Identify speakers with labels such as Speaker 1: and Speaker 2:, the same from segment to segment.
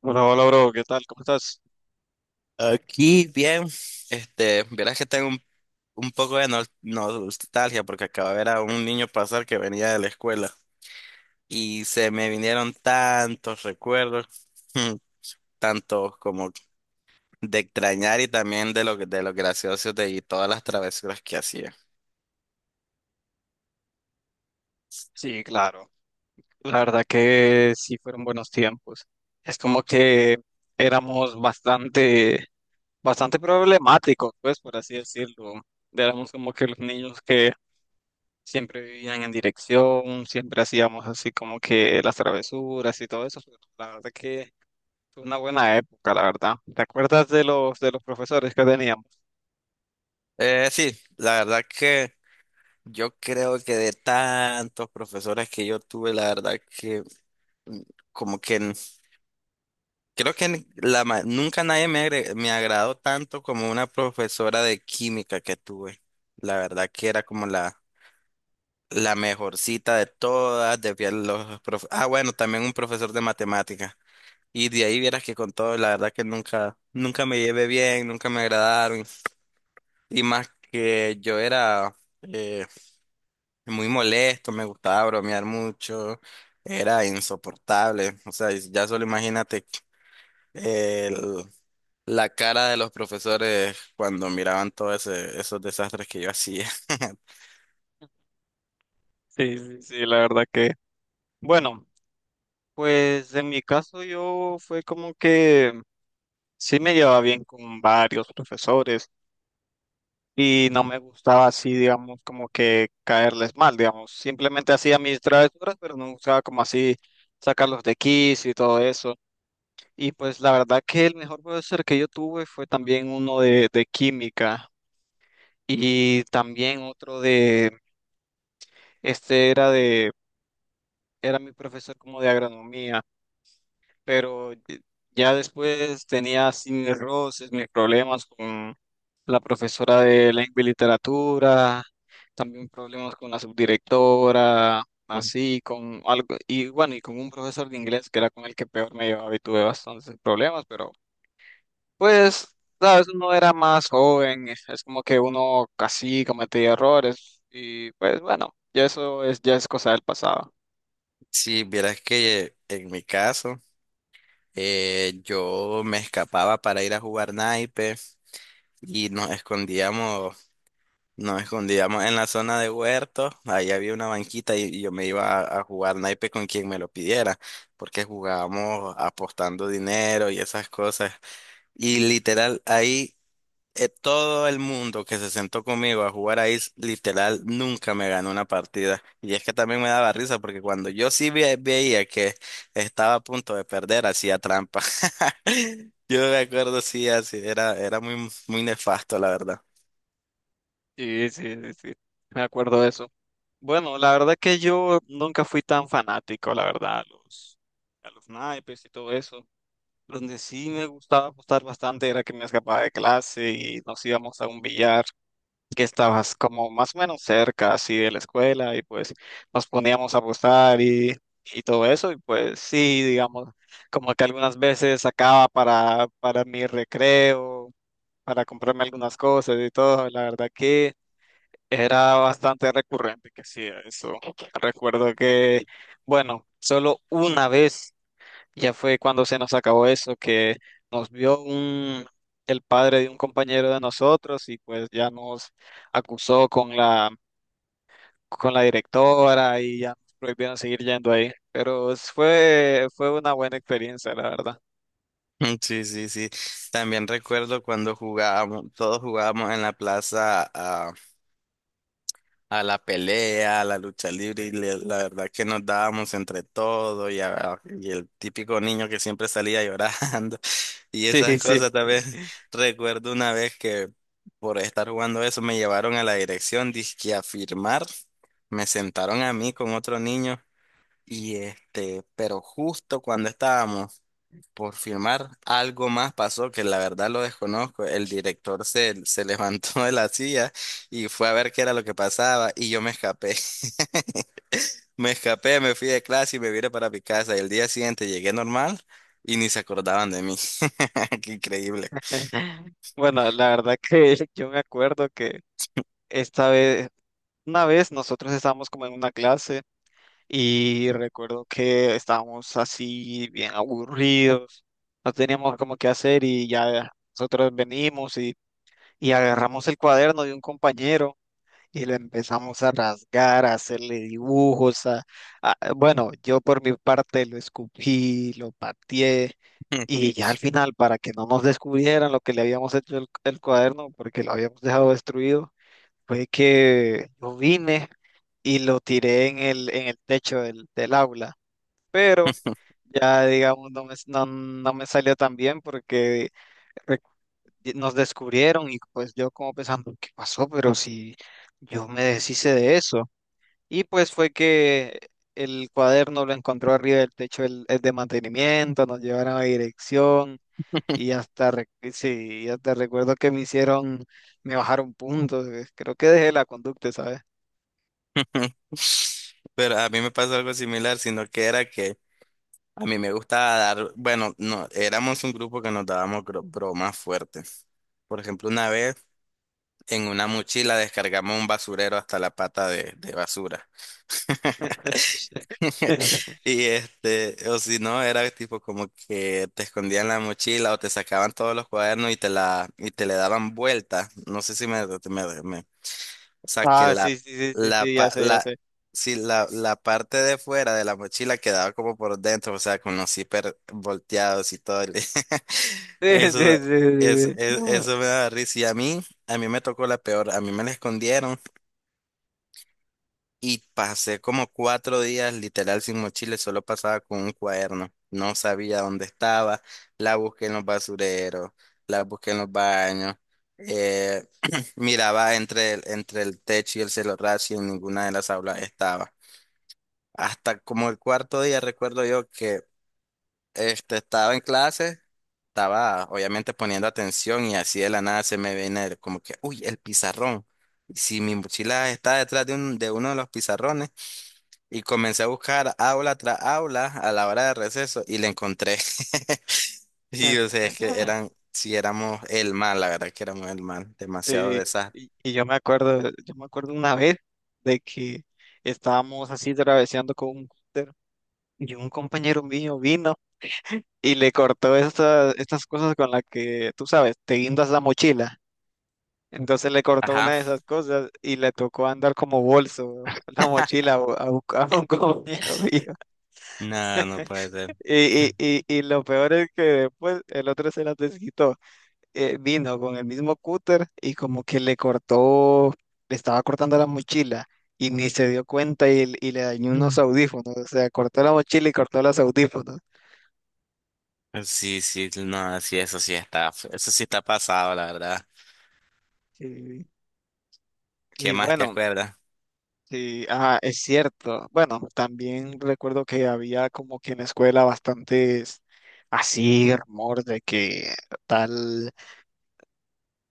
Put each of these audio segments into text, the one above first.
Speaker 1: Hola, hola, bro, ¿qué tal? ¿Cómo estás?
Speaker 2: Aquí bien, verás que tengo un poco de nostalgia porque acabo de ver a un niño pasar que venía de la escuela y se me vinieron tantos recuerdos, tantos como de extrañar y también de de los graciosos de y todas las travesuras que hacía.
Speaker 1: Sí, claro. La verdad que sí fueron buenos tiempos. Es como que éramos bastante, bastante problemáticos, pues, por así decirlo. Éramos como que los niños que siempre vivían en dirección, siempre hacíamos así como que las travesuras y todo eso. La verdad que fue una buena época, la verdad. ¿Te acuerdas de los profesores que teníamos?
Speaker 2: Sí, la verdad que yo creo que de tantos profesores que yo tuve, la verdad que mm, como que creo que nunca nadie me me agradó tanto como una profesora de química que tuve. La verdad que era como la mejorcita de todas. De bueno, también un profesor de matemática. Y de ahí vieras que con todo, la verdad que nunca, nunca me llevé bien, nunca me agradaron. Y más que yo era eh, muy molesto, me gustaba bromear mucho, era insoportable. O sea, ya solo imagínate el la cara de los profesores cuando miraban todos esos desastres que yo hacía.
Speaker 1: Sí, sí, sí, la verdad que. Bueno, pues en mi caso yo fue como que sí me llevaba bien con varios profesores y no me gustaba así, digamos, como que caerles mal, digamos. Simplemente hacía mis travesuras, pero no me gustaba como así sacarlos de quicio y todo eso. Y pues la verdad que el mejor profesor que yo tuve fue también uno de química y también otro de, este era de, era mi profesor como de agronomía. Pero ya después tenía así mis roces, mis problemas con la profesora de lengua y literatura, también problemas con la subdirectora,
Speaker 2: Ujú.
Speaker 1: así, con algo, y bueno, y con un profesor de inglés que era con el que peor me llevaba y tuve bastantes problemas, pero pues, sabes, uno era más joven, es como que uno casi cometía errores, y pues bueno, ya eso es, ya es cosa del pasado.
Speaker 2: Sí, vieras que en mi caso, yo me escapaba para ir a jugar naipe y nos escondíamos en la zona de huerto. Ahí había una banquita y yo me iba a jugar naipe con quien me lo pidiera, porque jugábamos apostando dinero y esas cosas. Y literal, ahí todo el mundo que se sentó conmigo a jugar ahí, literal, nunca me ganó una partida. Y es que también me daba risa porque cuando yo sí veía que estaba a punto de perder, hacía trampa. Yo me acuerdo, sí, así, era, era muy, muy nefasto, la verdad.
Speaker 1: Sí, sí, sí, sí, me acuerdo de eso. Bueno, la verdad que yo nunca fui tan fanático, la verdad, a los naipes y todo eso. Donde sí me gustaba apostar bastante era que me escapaba de clase y nos íbamos a un billar que estabas como más o menos cerca así de la escuela y pues nos poníamos a apostar y todo eso y pues sí, digamos, como que algunas veces sacaba para mi recreo, para comprarme algunas cosas y todo, la verdad que... Era bastante recurrente que hacía eso. Recuerdo que, bueno, solo una vez, ya fue cuando se nos acabó eso, que nos vio un, el padre de un compañero de nosotros y pues ya nos acusó con la directora y ya nos prohibieron seguir yendo ahí. Fue, fue una buena experiencia, la verdad.
Speaker 2: Mm, sí, sí, sí. También recuerdo cuando jugábamos, todos jugábamos en la plaza a la pelea, a la lucha libre, y la verdad que nos dábamos entre todos y y el típico niño que siempre salía llorando. Y
Speaker 1: Sí,
Speaker 2: esas
Speaker 1: sí.
Speaker 2: cosas también recuerdo una vez que por estar jugando eso me llevaron a la dirección, dizque a firmar, me sentaron a mí con otro niño y este, pero justo cuando estábamos por firmar, algo más pasó que la verdad lo desconozco, el director se levantó de la silla y fue a ver qué era lo que pasaba y yo me escapé. Me escapé, me fui de clase y me vine para mi casa. Y el día siguiente llegué normal y ni se acordaban de mí. Qué increíble.
Speaker 1: Bueno, la verdad que yo me acuerdo que esta vez, una vez nosotros estábamos como en una clase. Y recuerdo que estábamos así bien aburridos, no teníamos como qué hacer y ya nosotros venimos y agarramos el cuaderno de un compañero y lo empezamos a rasgar, a hacerle dibujos, a, bueno, yo por mi parte lo escupí, lo pateé y ya al final para que no nos descubrieran lo que le habíamos hecho el cuaderno porque lo habíamos dejado destruido fue que yo vine y lo tiré en el techo del aula, pero ya digamos no me salió tan bien porque re- nos descubrieron y pues yo como pensando, ¿qué pasó? Pero si yo me deshice de eso. Y pues fue que el cuaderno lo encontró arriba del techo el de mantenimiento, nos llevaron a dirección y hasta, sí, y hasta recuerdo que me hicieron, me bajaron puntos, creo que dejé la conducta, ¿sabes?
Speaker 2: Pero a mí me pasó algo similar, sino que era que a mí me gustaba dar, bueno, no, éramos un grupo que nos dábamos bromas fuertes. Por ejemplo, una vez en una mochila descargamos un basurero hasta la pata de basura.
Speaker 1: Sí, sí.
Speaker 2: Y este, o si no, era tipo como que te escondían la mochila o te sacaban todos los cuadernos y te le daban vuelta. No sé si me... O sea, que
Speaker 1: Ah, sí, sí, sí, sí,
Speaker 2: la,
Speaker 1: sí, ya
Speaker 2: pa-
Speaker 1: sé, ya
Speaker 2: la,
Speaker 1: sé.
Speaker 2: sí, la parte de fuera de la mochila quedaba como por dentro, o sea, con los zíper volteados y todo.
Speaker 1: Sí, sí,
Speaker 2: Eso,
Speaker 1: sí, sí, sí.
Speaker 2: eso me daba risa. Y a mí me tocó la peor. A mí me la escondieron. Y pasé como cuatro días literal sin mochila, solo pasaba con un cuaderno. No sabía dónde estaba. La busqué en los basureros, la busqué en los baños. eh, miraba entre el techo y el celorrazo y en ninguna de las aulas estaba. Hasta como el cuarto día recuerdo yo que este, estaba en clase, estaba obviamente poniendo atención y así de la nada se me viene como que, uy, el pizarrón. Si mi mochila está detrás de uno de los pizarrones. Y comencé a buscar aula tras aula a la hora de receso y le encontré. Y o sea, es que eran, si éramos el mal, la verdad que éramos el mal, demasiado
Speaker 1: Sí,
Speaker 2: desastre.
Speaker 1: y yo me acuerdo, yo me acuerdo una vez de que estábamos así traveseando con un cúter y un compañero mío vino y le cortó estas, estas cosas con las que, tú sabes, te guindas la mochila. Entonces le cortó una
Speaker 2: Ajá.
Speaker 1: de esas cosas y le tocó andar como bolso la mochila a un compañero mío.
Speaker 2: No, no puede ser.
Speaker 1: Y, y, y, y lo peor es que después el otro se las desquitó. Vino con el mismo cúter y como que le cortó, le estaba cortando la mochila y ni se dio cuenta y le dañó unos
Speaker 2: Mm,
Speaker 1: audífonos. O sea, cortó la mochila y cortó los audífonos.
Speaker 2: sí, sí, no, sí, eso sí está pasado, la verdad.
Speaker 1: Sí.
Speaker 2: ¿Qué
Speaker 1: Y
Speaker 2: más te
Speaker 1: bueno,
Speaker 2: acuerdas?
Speaker 1: sí, ajá, es cierto. Bueno, también recuerdo que había como que en la escuela bastantes así rumor de que tal.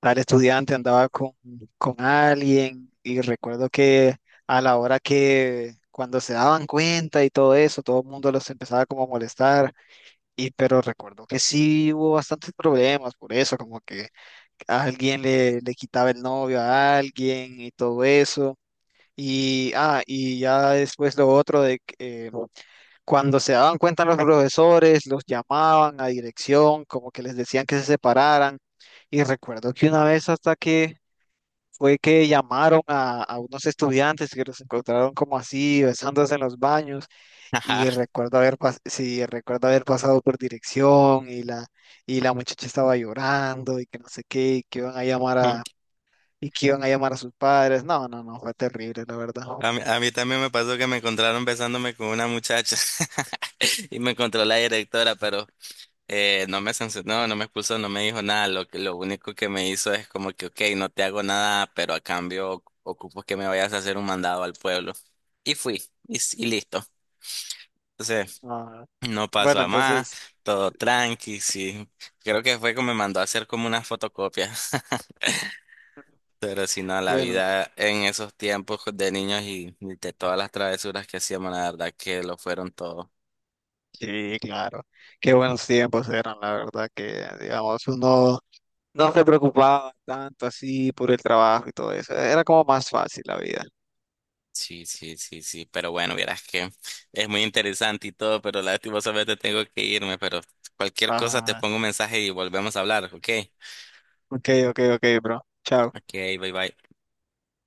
Speaker 1: Tal estudiante andaba con alguien y recuerdo que a la hora que cuando se daban cuenta y todo eso, todo el mundo los empezaba como a molestar pero recuerdo que sí hubo bastantes problemas por eso, como que alguien le, le quitaba el novio a alguien y todo eso. Y, ah, y ya después lo otro de que cuando se daban cuenta los profesores, los llamaban a dirección, como que les decían que se separaran. Y recuerdo que una vez hasta que fue que llamaron a unos estudiantes que los encontraron como así, besándose en los baños, y
Speaker 2: Ajá.
Speaker 1: recuerdo sí, recuerdo haber pasado por dirección y la muchacha estaba llorando y que no sé qué, y que iban a y que iban a llamar a sus padres. No, no, no, fue terrible, la verdad.
Speaker 2: A mí también me pasó que me encontraron besándome con una muchacha y me encontró la directora, pero no me sancionó, no, no me expulsó, no me dijo nada. Lo único que me hizo es como que, ok, no te hago nada, pero a cambio ocupo que me vayas a hacer un mandado al pueblo. Y fui, y listo. Entonces,
Speaker 1: Ah,
Speaker 2: no pasó
Speaker 1: bueno,
Speaker 2: a más,
Speaker 1: entonces,
Speaker 2: todo tranqui, sí. Creo que fue como me mandó a hacer como unas fotocopias. Pero si no, la
Speaker 1: bueno,
Speaker 2: vida en esos tiempos de niños y de todas las travesuras que hacíamos, la verdad que lo fueron todo.
Speaker 1: sí, claro, qué buenos tiempos eran, la verdad, que digamos, uno no se preocupaba tanto así por el trabajo y todo eso, era como más fácil la vida.
Speaker 2: Sí, sí, sí, sí, pero bueno, vieras que es muy interesante y todo, pero lastimosamente tengo que irme, pero cualquier cosa te
Speaker 1: Ah,
Speaker 2: pongo un mensaje y volvemos a hablar, ¿ok?
Speaker 1: ok, ok, ok, bro. Chao.
Speaker 2: Ok, bye bye.